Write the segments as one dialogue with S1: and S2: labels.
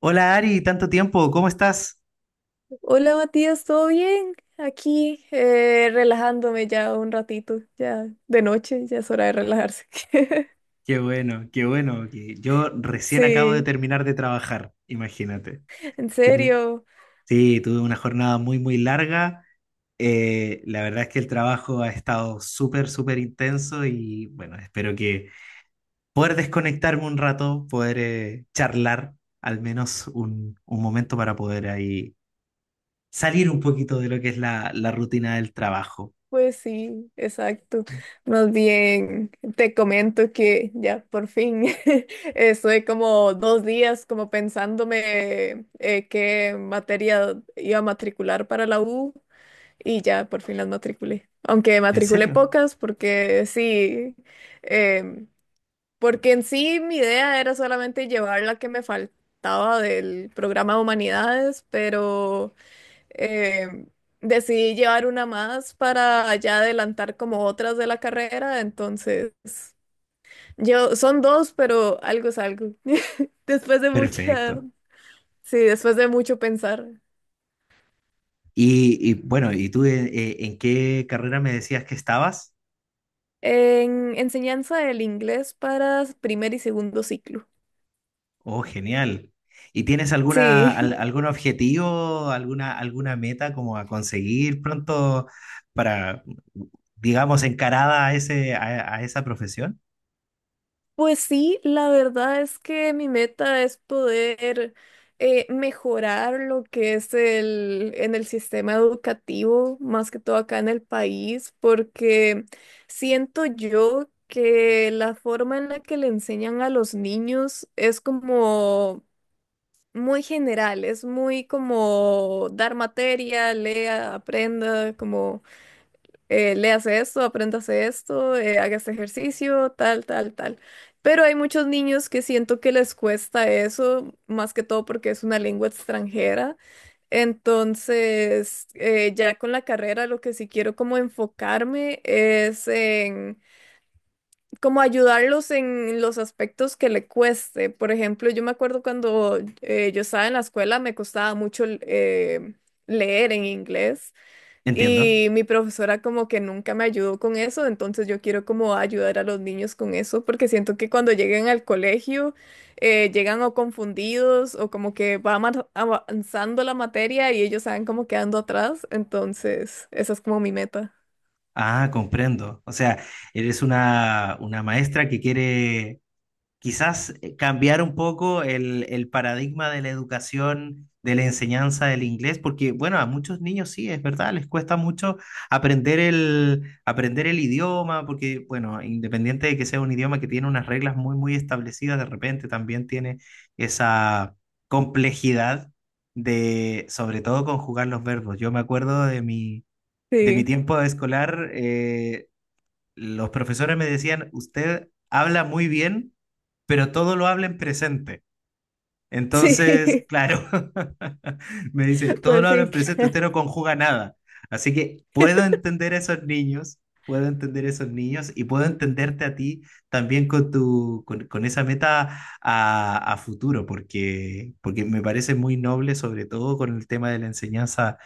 S1: Hola Ari, tanto tiempo, ¿cómo estás?
S2: Hola Matías, ¿todo bien? Aquí relajándome ya un ratito, ya de noche, ya es hora de relajarse.
S1: Qué bueno, qué bueno. que Yo recién acabo de
S2: Sí,
S1: terminar de trabajar, imagínate.
S2: en
S1: Tenía-
S2: serio,
S1: Sí, tuve una jornada muy, muy larga. La verdad es que el trabajo ha estado súper, súper intenso y bueno, espero que poder desconectarme un rato, poder charlar al menos un momento para poder ahí salir un poquito de lo que es la rutina del trabajo.
S2: pues sí, exacto. Más bien, te comento que ya por fin estoy como 2 días como pensándome qué materia iba a matricular para la U y ya por fin las matriculé. Aunque
S1: ¿En
S2: matriculé
S1: serio?
S2: pocas porque sí. em, Porque en sí mi idea era solamente llevar la que me faltaba del programa de humanidades, pero eh, decidí llevar una más para ya adelantar como otras de la carrera. Entonces, yo son dos, pero algo es algo. Después de mucha,
S1: Perfecto.
S2: sí, después de mucho pensar.
S1: Y bueno, ¿y tú en qué carrera me decías que estabas?
S2: En enseñanza del inglés para primer y segundo ciclo.
S1: Oh, genial. ¿Y tienes alguna,
S2: Sí.
S1: algún objetivo, alguna, alguna meta como a conseguir pronto para, digamos, encarada a esa profesión?
S2: Pues sí, la verdad es que mi meta es poder mejorar lo que es en el sistema educativo, más que todo acá en el país, porque siento yo que la forma en la que le enseñan a los niños es como muy general, es muy como dar materia, lea, aprenda, como léase esto, apréndase esto, haga este ejercicio, tal, tal, tal. Pero hay muchos niños que siento que les cuesta eso, más que todo porque es una lengua extranjera. Entonces, ya con la carrera, lo que sí quiero como enfocarme es en como ayudarlos en los aspectos que le cueste. Por ejemplo, yo me acuerdo cuando yo estaba en la escuela, me costaba mucho leer en inglés.
S1: Entiendo.
S2: Y mi profesora como que nunca me ayudó con eso, entonces yo quiero como ayudar a los niños con eso, porque siento que cuando lleguen al colegio llegan o confundidos o como que va avanzando la materia y ellos saben como quedando atrás, entonces esa es como mi meta.
S1: Ah, comprendo. O sea, eres una maestra que quiere quizás cambiar un poco el paradigma de la educación, de la enseñanza del inglés, porque bueno, a muchos niños sí, es verdad, les cuesta mucho aprender el idioma, porque bueno, independiente de que sea un idioma que tiene unas reglas muy, muy establecidas, de repente también tiene esa complejidad de, sobre todo, conjugar los verbos. Yo me acuerdo de mi... De mi
S2: Sí.
S1: tiempo escolar, los profesores me decían, usted habla muy bien, pero todo lo habla en presente. Entonces,
S2: Sí.
S1: claro, me dice, todo
S2: Pues
S1: lo habla
S2: sí.
S1: en presente,
S2: Claro.
S1: usted no conjuga nada. Así que puedo entender a esos niños, puedo entender a esos niños y puedo entenderte a ti también con con esa meta a futuro, porque, porque me parece muy noble, sobre todo con el tema de la enseñanza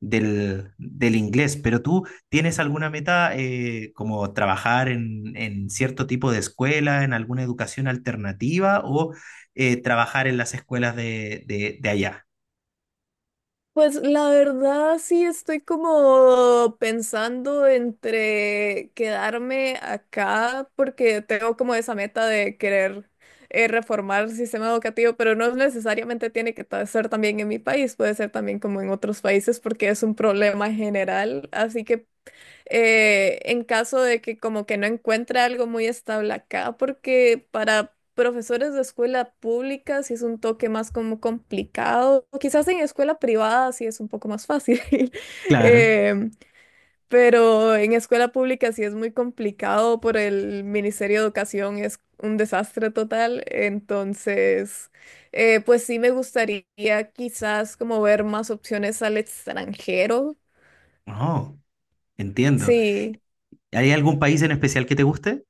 S1: del inglés, pero tú tienes alguna meta como trabajar en cierto tipo de escuela, en alguna educación alternativa o trabajar en las escuelas de allá.
S2: Pues la verdad sí estoy como pensando entre quedarme acá porque tengo como esa meta de querer reformar el sistema educativo, pero no necesariamente tiene que ser también en mi país, puede ser también como en otros países porque es un problema general, así que en caso de que como que no encuentre algo muy estable acá, porque para profesores de escuela pública sí es un toque más como complicado, o quizás en escuela privada sí es un poco más fácil.
S1: Claro.
S2: em, pero en escuela pública sí es muy complicado por el Ministerio de Educación, es un desastre total, entonces pues sí me gustaría quizás como ver más opciones al extranjero.
S1: Oh, entiendo.
S2: Sí.
S1: ¿Hay algún país en especial que te guste?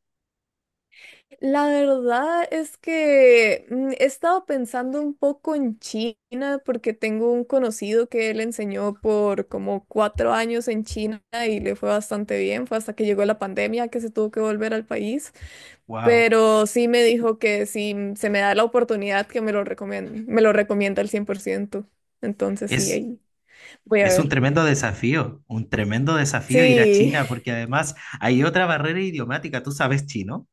S2: La verdad es que he estado pensando un poco en China porque tengo un conocido que él enseñó por como 4 años en China y le fue bastante bien. Fue hasta que llegó la pandemia que se tuvo que volver al país.
S1: Wow.
S2: Pero sí me dijo que si se me da la oportunidad que me lo recomienda al 100%. Entonces sí,
S1: Es,
S2: ahí voy a
S1: es
S2: ver.
S1: un tremendo desafío ir a
S2: Sí.
S1: China porque además hay otra barrera idiomática. ¿Tú sabes chino?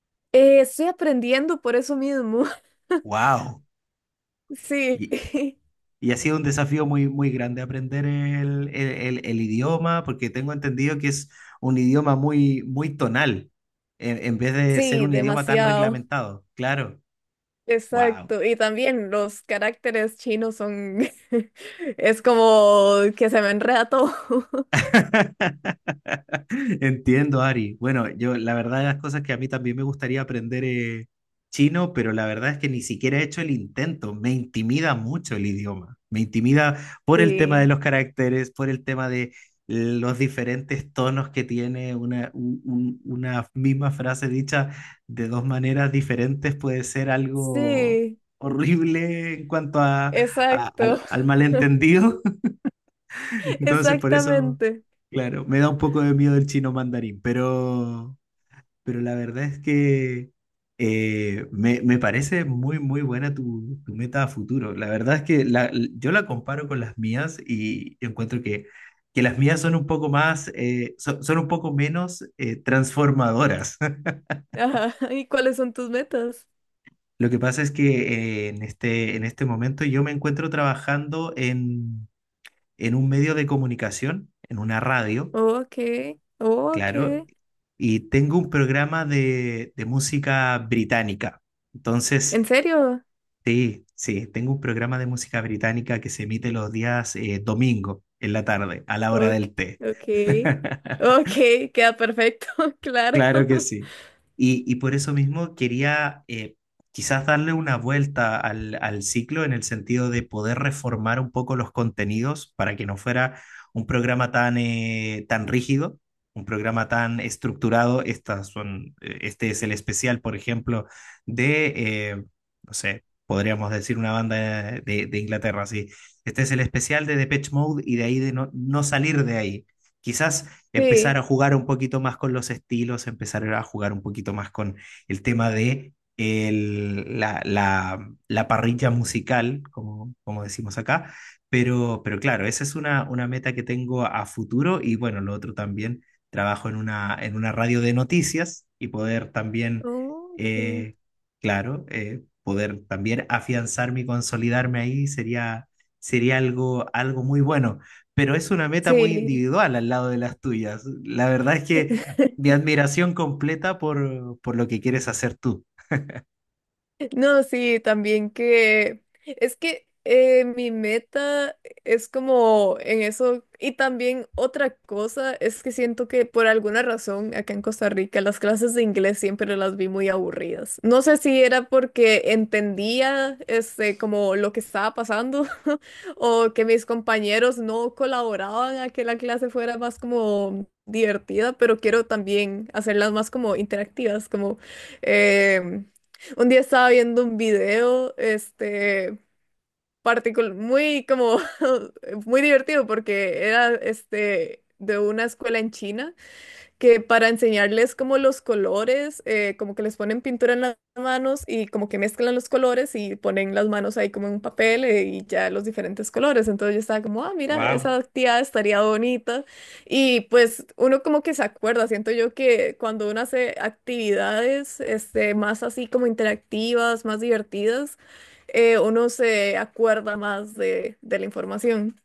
S2: Estoy aprendiendo por eso mismo.
S1: Wow.
S2: Sí.
S1: Y ha sido un desafío muy, muy grande aprender el idioma, porque tengo entendido que es un idioma muy, muy tonal, en vez de ser
S2: Sí,
S1: un idioma tan
S2: demasiado.
S1: reglamentado. Claro, wow.
S2: Exacto, y también los caracteres chinos son, es como que se me enreda todo.
S1: Entiendo, Ari. Bueno, yo la verdad de las cosas que a mí también me gustaría aprender chino, pero la verdad es que ni siquiera he hecho el intento. Me intimida mucho el idioma. Me intimida por el tema de
S2: Sí,
S1: los caracteres, por el tema de los diferentes tonos que tiene una, una misma frase dicha de dos maneras diferentes puede ser algo
S2: sí,
S1: horrible en cuanto a,
S2: exacto.
S1: al malentendido. Entonces, por eso,
S2: Exactamente.
S1: claro, me da un poco de miedo el chino mandarín, pero la verdad es que me parece muy, muy buena tu meta a futuro. La verdad es que yo la comparo con las mías y encuentro que las mías son un poco más, son, un poco menos transformadoras.
S2: Ajá. ¿Y cuáles son tus metas?
S1: Lo que pasa es que en este momento yo me encuentro trabajando en un medio de comunicación, en una radio.
S2: Ok, ok.
S1: Claro, y tengo un programa de música británica. Entonces,
S2: ¿En serio?
S1: sí, sí, tengo un programa de música británica que se emite los días domingo en la tarde, a la hora
S2: Ok,
S1: del té.
S2: ok, ok, queda perfecto. Claro.
S1: Claro que sí. Y por eso mismo quería quizás darle una vuelta al ciclo en el sentido de poder reformar un poco los contenidos para que no fuera un programa tan, tan rígido, un programa tan estructurado. Estas son, este es el especial, por ejemplo, de, eh, no sé, podríamos decir una banda de Inglaterra, sí. Este es el especial de Depeche Mode y de ahí de no, no salir de ahí. Quizás empezar
S2: Sí,
S1: a jugar un poquito más con los estilos, empezar a jugar un poquito más con el tema de la parrilla musical, como, como decimos acá. Pero claro, esa es una meta que tengo a futuro y bueno, lo otro también, trabajo en una radio de noticias y poder también,
S2: ok,
S1: eh, claro, poder también afianzarme y consolidarme ahí sería, sería algo, algo muy bueno, pero es una meta muy
S2: sí.
S1: individual al lado de las tuyas. La verdad es que mi admiración completa por lo que quieres hacer tú.
S2: No, sí, también que es que mi meta es como en eso. Y también otra cosa es que siento que por alguna razón acá en Costa Rica las clases de inglés siempre las vi muy aburridas. No sé si era porque entendía este como lo que estaba pasando, o que mis compañeros no colaboraban a que la clase fuera más como divertida, pero quiero también hacerlas más como interactivas, como em, un día estaba viendo un video, este, muy como, muy divertido porque era, este, de una escuela en China que para enseñarles como los colores, como que les ponen pintura en las manos y como que mezclan los colores y ponen las manos ahí como en un papel, y ya los diferentes colores. Entonces yo estaba como, ah, mira, esa
S1: Wow.
S2: actividad estaría bonita. Y pues uno como que se acuerda, siento yo que cuando uno hace actividades este, más así como interactivas, más divertidas, uno se acuerda más de la información.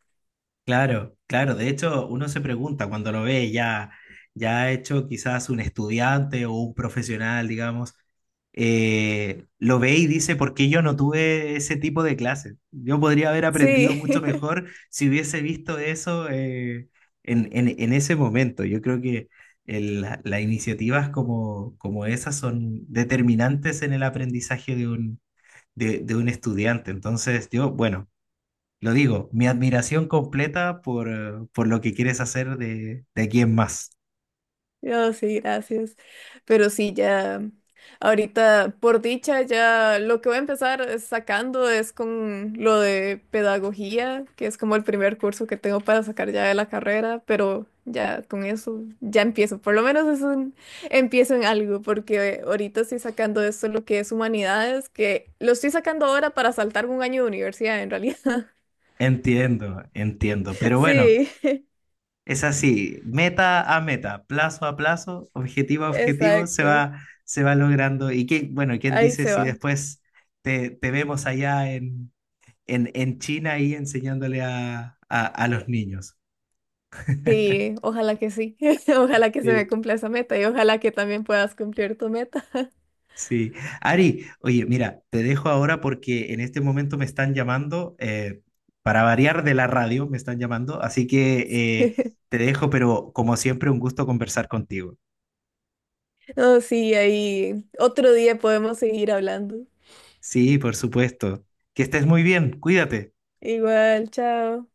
S1: Claro, claro. De hecho, uno se pregunta cuando lo ve ya, ya hecho quizás un estudiante o un profesional, digamos, lo ve y dice, ¿por qué yo no tuve ese tipo de clases? Yo podría haber aprendido
S2: Sí.
S1: mucho mejor si hubiese visto eso en ese momento. Yo creo que las iniciativas como, como esas son determinantes en el aprendizaje de un, de un estudiante. Entonces, yo, bueno. Lo digo, mi admiración completa por lo que quieres hacer de aquí en más.
S2: Yo sí, gracias. Pero sí, ya, ahorita, por dicha, ya lo que voy a empezar es sacando es con lo de pedagogía, que es como el primer curso que tengo para sacar ya de la carrera, pero ya con eso ya empiezo. Por lo menos es un empiezo en algo, porque ahorita estoy sacando esto lo que es humanidades, que lo estoy sacando ahora para saltar un año de universidad en realidad.
S1: Entiendo, entiendo. Pero bueno,
S2: Sí,
S1: es así, meta a meta, plazo a plazo, objetivo a objetivo,
S2: exacto.
S1: se va logrando. Y qué, bueno, ¿quién
S2: Ahí
S1: dice
S2: se
S1: si
S2: va.
S1: después te vemos allá en China y enseñándole a los niños?
S2: Sí, ojalá que sí. Ojalá que se me cumpla esa meta y ojalá que también puedas cumplir tu meta.
S1: Sí. Ari, oye, mira, te dejo ahora porque en este momento me están llamando, para variar de la radio, me están llamando, así que te dejo, pero como siempre, un gusto conversar contigo.
S2: No, sí, ahí otro día podemos seguir hablando.
S1: Sí, por supuesto. Que estés muy bien, cuídate.
S2: Igual, chao.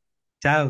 S1: Chao.